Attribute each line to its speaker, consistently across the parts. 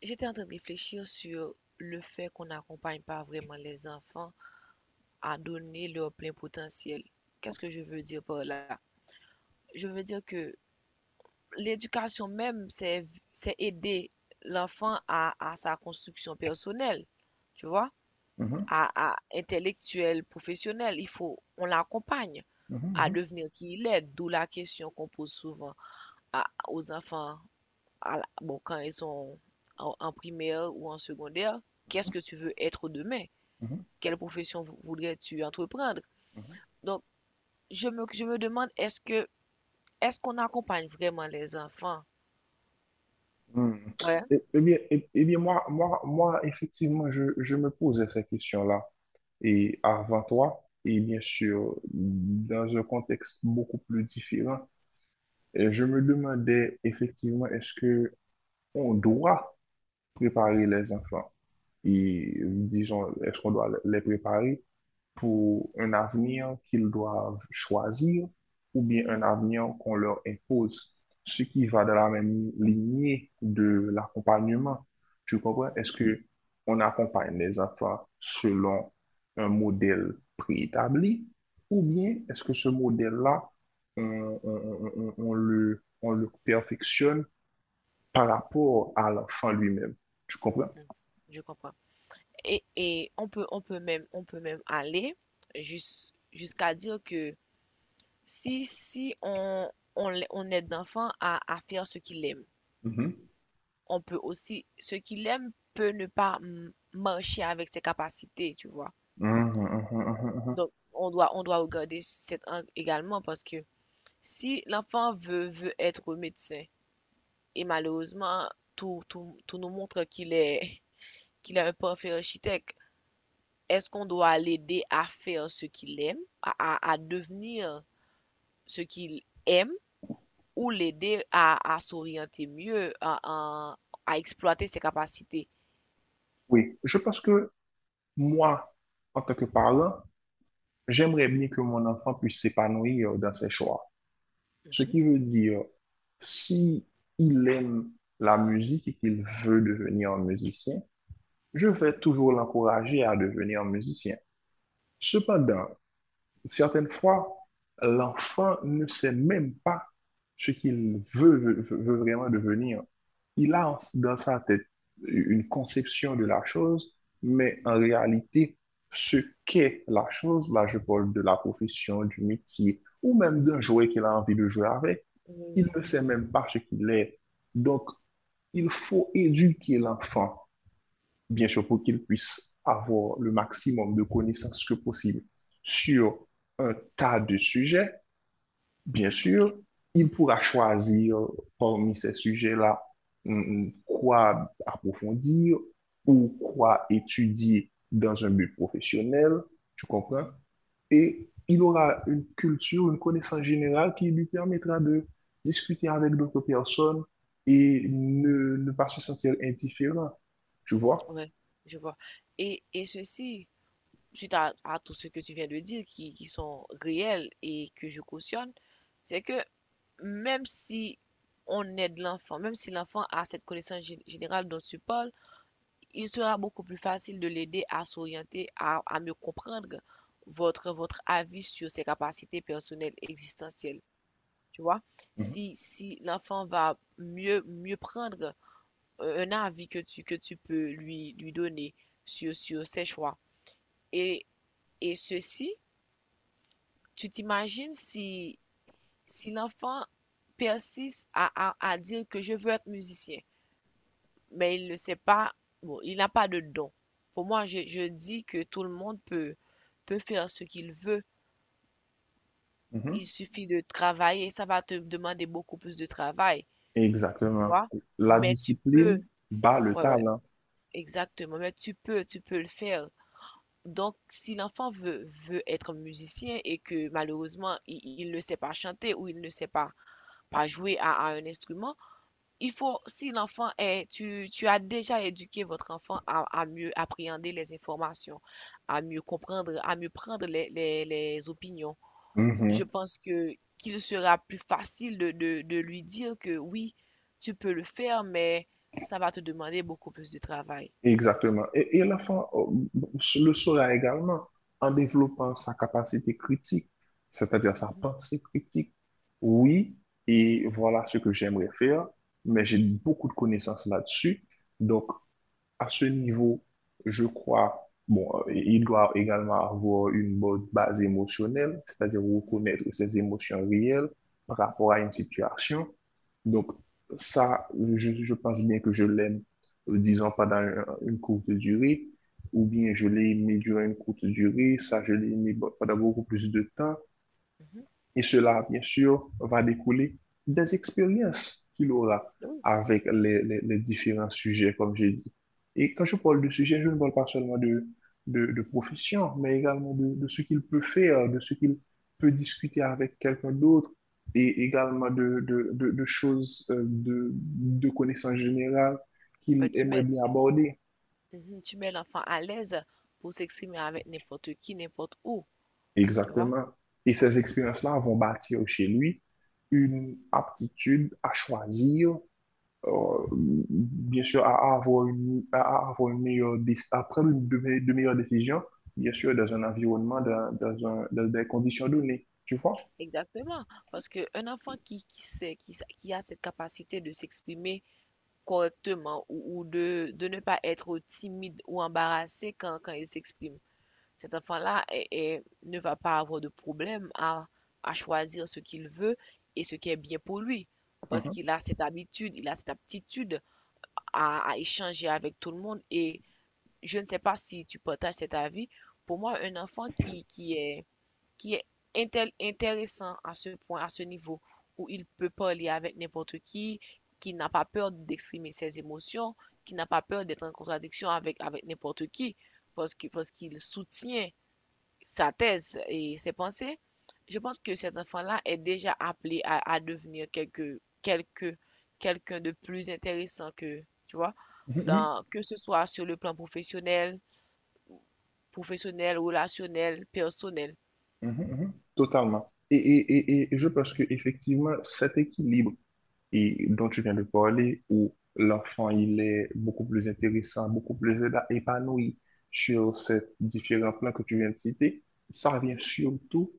Speaker 1: J'étais en train de réfléchir sur le fait qu'on n'accompagne pas vraiment les enfants à donner leur plein potentiel. Qu'est-ce que je veux dire par là? Je veux dire que l'éducation c'est aider l'enfant à sa construction personnelle, tu vois,
Speaker 2: Mhm,
Speaker 1: à intellectuelle, professionnelle. On l'accompagne
Speaker 2: mhm,
Speaker 1: à
Speaker 2: mhm,
Speaker 1: devenir qui il est, d'où la question qu'on pose souvent aux enfants, bon, quand ils sont en primaire ou en secondaire, qu'est-ce
Speaker 2: mhm,
Speaker 1: que tu veux être demain?
Speaker 2: mhm,
Speaker 1: Quelle profession voudrais-tu entreprendre?
Speaker 2: mhm.
Speaker 1: Donc, je me demande, est-ce qu'on accompagne vraiment les enfants?
Speaker 2: Hmm.
Speaker 1: Ouais.
Speaker 2: Eh, eh bien moi, moi, moi, effectivement, je me posais ces questions-là. Et avant toi, et bien sûr, dans un contexte beaucoup plus différent, je me demandais effectivement, est-ce que on doit préparer les enfants? Et disons, est-ce qu'on doit les préparer pour un avenir qu'ils doivent choisir ou bien un avenir qu'on leur impose, ce qui va dans la même lignée de l'accompagnement. Tu comprends?
Speaker 1: Mhm,
Speaker 2: Est-ce que on accompagne les enfants selon un modèle préétabli, ou
Speaker 1: mhm,
Speaker 2: bien est-ce que ce modèle-là, on le perfectionne par rapport à l'enfant lui-même? Tu comprends?
Speaker 1: mhm. Je comprends. Et on peut même aller jusqu'à dire que si on aide l'enfant à faire ce qu'il aime,
Speaker 2: Mhm.
Speaker 1: on peut aussi, ce qu'il aime peut ne pas marcher avec ses capacités, tu vois.
Speaker 2: Mhm, mhm, mhm, mhm.
Speaker 1: Donc, on doit regarder cet angle également parce que si l'enfant veut être médecin et malheureusement tout nous montre qu'il est qu'il est un parfait architecte, est-ce qu'on doit l'aider à faire ce qu'il aime, à devenir ce qu'il aime ou l'aider à s'orienter mieux, à exploiter ses capacités?
Speaker 2: Oui, je pense que moi, en tant que parent, j'aimerais bien que mon enfant puisse s'épanouir dans ses choix. Ce
Speaker 1: Mhm,
Speaker 2: qui veut dire, si il aime la musique et qu'il veut devenir un musicien, je vais toujours l'encourager à devenir musicien. Cependant, certaines fois, l'enfant ne sait même pas ce qu'il veut vraiment devenir. Il a dans sa tête une conception de la chose, mais en réalité, ce qu'est la chose, là je parle de la profession, du métier, ou même d'un
Speaker 1: mhm.
Speaker 2: jouet qu'il a envie de jouer avec,
Speaker 1: Oui,
Speaker 2: il
Speaker 1: oui,
Speaker 2: ne sait même pas ce qu'il est. Donc, il faut éduquer l'enfant, bien sûr, pour qu'ils puissent avoir le maximum de connaissances que possible sur un tas de sujets. Bien
Speaker 1: ok.
Speaker 2: sûr, il pourra choisir parmi ces sujets-là quoi approfondir ou quoi étudier dans un but professionnel, tu comprends?
Speaker 1: Mhm.
Speaker 2: Et il aura une culture, une connaissance générale qui lui permettra de discuter avec d'autres personnes et ne pas se sentir indifférent, tu vois?
Speaker 1: Ouais, je vois. Et ceci, suite à tout ce que tu viens de dire, qui sont réels et que je cautionne, c'est que même si on aide l'enfant, même si l'enfant a cette connaissance générale dont tu parles, il sera beaucoup plus facile de l'aider à s'orienter, à mieux comprendre votre avis sur ses capacités personnelles existentielles. Tu vois,
Speaker 2: Mhm,
Speaker 1: si l'enfant va mieux prendre un avis que tu peux lui donner sur ses choix. Et, et ceci, tu t'imagines si l'enfant persiste à dire que je veux être musicien mais il ne sait pas, bon, il n'a pas de don. Pour moi, je dis que tout le monde peut faire ce qu'il veut.
Speaker 2: mhm.
Speaker 1: Il suffit de travailler. Ça va te demander beaucoup plus de travail, tu
Speaker 2: Exactement.
Speaker 1: vois.
Speaker 2: La
Speaker 1: Mais tu
Speaker 2: discipline
Speaker 1: peux,
Speaker 2: bat le
Speaker 1: ouais, ouais,
Speaker 2: talent.
Speaker 1: exactement. Mais tu peux le faire. Donc, si l'enfant veut être musicien et que malheureusement, il ne sait pas chanter ou il ne sait pas jouer à un instrument. Il faut, si l'enfant est, tu as déjà éduqué votre enfant à mieux appréhender les informations, à mieux comprendre, à mieux prendre les opinions. Je
Speaker 2: Mhm.
Speaker 1: pense que qu'il sera plus facile de lui dire que oui, tu peux le faire, mais ça va te demander beaucoup plus de travail.
Speaker 2: Exactement. Et l'enfant le saura également en développant sa capacité critique, c'est-à-dire sa
Speaker 1: Mhm,
Speaker 2: pensée critique. Oui, et voilà ce que j'aimerais faire, mais j'ai beaucoup de connaissances là-dessus. Donc, à ce niveau, je crois, bon, il doit également avoir une bonne base émotionnelle, c'est-à-dire
Speaker 1: mhm,
Speaker 2: reconnaître ses émotions réelles par rapport à une situation. Donc, ça, je pense bien que je l'aime, disons, pendant une courte durée, ou bien je l'ai aimé durant une courte durée, ça, je l'ai aimé pendant beaucoup plus de temps.
Speaker 1: mhm.
Speaker 2: Et cela, bien sûr, va découler des expériences qu'il aura
Speaker 1: Oui.
Speaker 2: avec les différents sujets, comme j'ai dit. Et quand je parle de sujet, je ne parle pas seulement de profession, mais également de ce qu'il peut faire, de ce qu'il peut discuter avec quelqu'un d'autre, et également de choses, de connaissances générales
Speaker 1: Ouais,
Speaker 2: qu'il aimerait bien aborder.
Speaker 1: mhm, tu mets l'enfant à l'aise pour s'exprimer avec n'importe qui, n'importe où, tu vois.
Speaker 2: Exactement. Et ces expériences-là vont bâtir chez lui une aptitude à choisir, bien sûr, à avoir une meilleure, à prendre de meilleures décisions, bien sûr, dans un environnement, dans des conditions données, tu vois?
Speaker 1: Exactement, parce qu'un enfant qui qui a cette capacité de s'exprimer correctement ou de ne pas être timide ou embarrassé quand il s'exprime, cet enfant-là ne va pas avoir de problème à choisir ce qu'il veut et ce qui est bien pour lui, parce qu'il a cette habitude, il a cette aptitude à échanger avec tout le monde. Et je ne sais pas si tu partages cet avis, pour moi, un enfant qui est qui est intéressant à ce point, à ce niveau, où il peut parler avec n'importe qui n'a pas peur d'exprimer ses émotions, qui n'a pas peur d'être en contradiction avec n'importe qui, parce qu'il soutient sa thèse et ses pensées. Je pense que cet enfant-là est déjà appelé à devenir quelqu'un de plus intéressant que, tu vois,
Speaker 2: Mhm.
Speaker 1: dans, que ce soit sur le plan professionnel, professionnel, relationnel, personnel.
Speaker 2: Mhm, mhm, totalement. Et je pense que effectivement cet équilibre et dont tu viens de parler, où
Speaker 1: Mhm,
Speaker 2: l'enfant il est beaucoup plus intéressant, beaucoup plus épanoui sur ces différents plans que tu viens de citer, ça vient
Speaker 1: mhm,
Speaker 2: surtout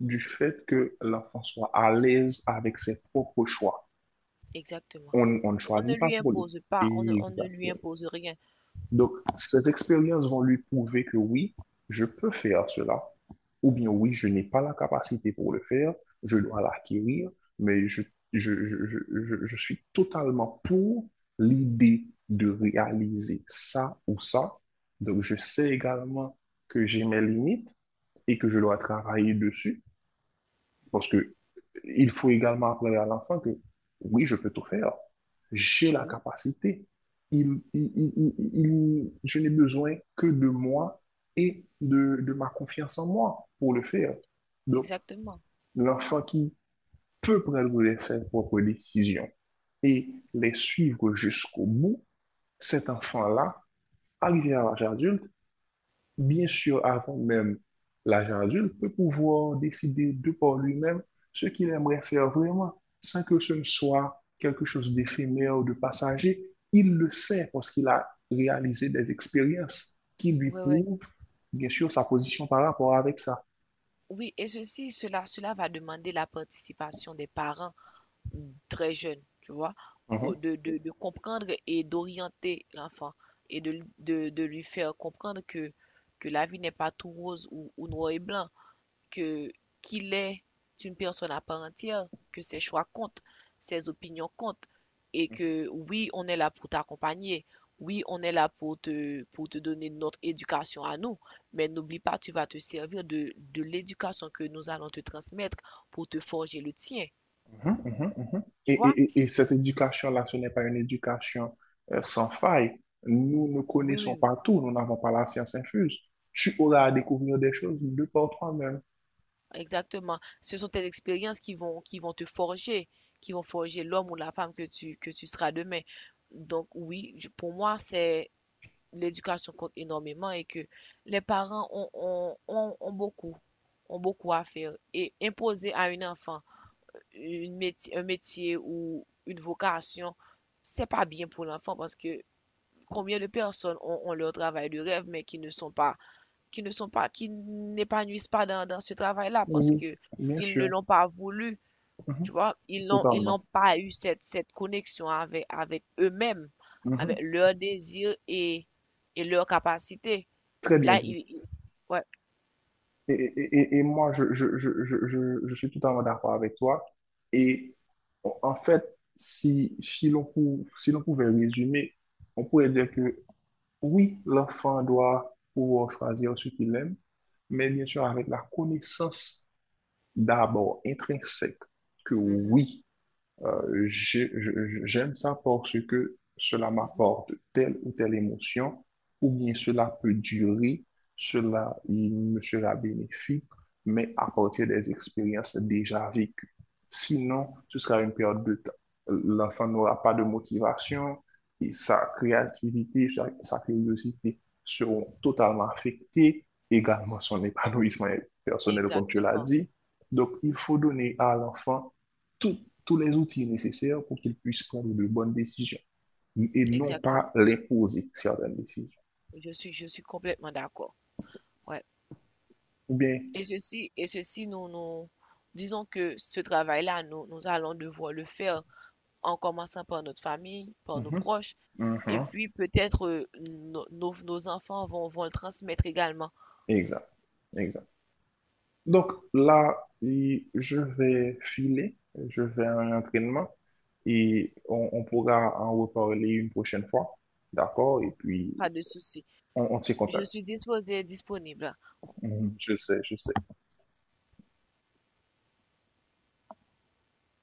Speaker 2: du fait que l'enfant soit à l'aise avec ses propres choix.
Speaker 1: exactement.
Speaker 2: On ne
Speaker 1: On ne
Speaker 2: choisit pas
Speaker 1: lui
Speaker 2: pour lui.
Speaker 1: impose pas, on ne lui
Speaker 2: Exactement.
Speaker 1: impose rien.
Speaker 2: Donc, ces expériences vont lui prouver que oui, je peux faire cela, ou bien oui, je n'ai pas la capacité pour le faire, je dois l'acquérir, mais je suis totalement pour l'idée de réaliser ça ou ça. Donc, je sais également que j'ai mes limites et que je dois travailler dessus. Parce que il faut également apprendre à l'enfant que oui, je peux tout faire. J'ai la
Speaker 1: Oui,
Speaker 2: capacité. Je n'ai besoin que de moi et de ma confiance en moi pour le faire. Donc,
Speaker 1: exactement.
Speaker 2: l'enfant qui peut prendre ses propres décisions et les suivre jusqu'au bout, cet enfant-là, arrivé à l'âge adulte, bien sûr, avant même l'agent adulte, peut pouvoir décider de par lui-même ce qu'il aimerait faire vraiment, sans que ce ne soit quelque chose d'éphémère ou de passager. Il le sait parce qu'il a réalisé des expériences qui lui
Speaker 1: Ouais, ouais.
Speaker 2: prouvent, bien sûr, sa position par rapport avec ça.
Speaker 1: Oui, et ceci, cela va demander la participation des parents très jeunes, tu vois, pour- de comprendre et d'orienter l'enfant et de lui faire comprendre que la vie n'est pas tout rose ou noir et blanc. Que Qu'il est une personne à part entière, que ses choix comptent, ses opinions comptent, et
Speaker 2: Mhm.
Speaker 1: que oui, on est là pour t'accompagner, oui, on est là pour pour te donner notre éducation à nous, mais n'oublie pas, tu vas te servir de l'éducation que nous allons te transmettre pour te forger le tien,
Speaker 2: Mhm, mhm, mhm. Et,
Speaker 1: tu vois?
Speaker 2: et- et- et cette éducation-là, ce n'est pas une éducation sans faille. Nous ne
Speaker 1: Oui,
Speaker 2: connaissons
Speaker 1: oui,
Speaker 2: pas tout, nous n'avons pas la science infuse. Tu auras à
Speaker 1: mhm,
Speaker 2: découvrir des choses de par toi-même.
Speaker 1: exactement. Ce sont tes expériences qui vont te forger, qui vont forger l'homme ou la femme que tu seras demain. Donc oui, pour moi, c'est l'éducation compte énormément et que les parents ont ont beaucoup à faire. Et imposer à un enfant une métier un métier ou une vocation, c'est pas bien pour l'enfant parce que combien de personnes ont, ont leur travail de rêve mais qui ne sont pas, qui n'épanouissent pas dans, dans ce travail-là parce
Speaker 2: Oui,
Speaker 1: que
Speaker 2: oui, bien
Speaker 1: ils ne
Speaker 2: sûr.
Speaker 1: l'ont pas voulu,
Speaker 2: Mhm,
Speaker 1: tu vois, ils
Speaker 2: totalement.
Speaker 1: n'ont pas eu cette, cette connexion avec eux-mêmes, avec
Speaker 2: Mhm.
Speaker 1: leurs désirs et leurs capacités.
Speaker 2: Très bien
Speaker 1: Là,
Speaker 2: dit.
Speaker 1: il- ouais.
Speaker 2: Et moi, je suis totalement d'accord avec toi. Et en fait, si l'on pouvait résumer, on pourrait dire que oui, l'enfant doit pouvoir choisir ce qu'il aime, mais bien sûr avec la connaissance d'abord intrinsèque que
Speaker 1: Mhm,
Speaker 2: oui, j'aime ça parce que cela
Speaker 1: mhm.
Speaker 2: m'apporte telle ou telle émotion, ou bien cela peut durer, cela il me sera bénéfique, mais à partir des expériences déjà vécues. Sinon, ce sera une perte de temps. L'enfant n'aura pas de motivation et sa créativité, sa curiosité seront totalement affectées, également son épanouissement personnel, comme tu l'as
Speaker 1: Exactement,
Speaker 2: dit. Donc, il faut donner à l'enfant tout tous les outils nécessaires pour qu'ils puissent prendre de bonnes décisions et non pas
Speaker 1: exactement.
Speaker 2: les poser, certaines décisions.
Speaker 1: Je suis complètement d'accord. Ouais.
Speaker 2: Ou bien,
Speaker 1: Et ceci, nous disons que ce travail-là, nous allons devoir le faire en commençant par notre famille, par nos
Speaker 2: mhm,
Speaker 1: proches, et
Speaker 2: mhm,
Speaker 1: puis peut-être nos, nos enfants vont le transmettre également.
Speaker 2: exact, exact. Donc là, et je vais filer, je vais à un entraînement et on pourra en reparler une prochaine fois, d'accord? Et puis,
Speaker 1: Pas de souci.
Speaker 2: on tient
Speaker 1: Je
Speaker 2: contact.
Speaker 1: suis disposée, et disponible.
Speaker 2: Mhm, je sais, je sais.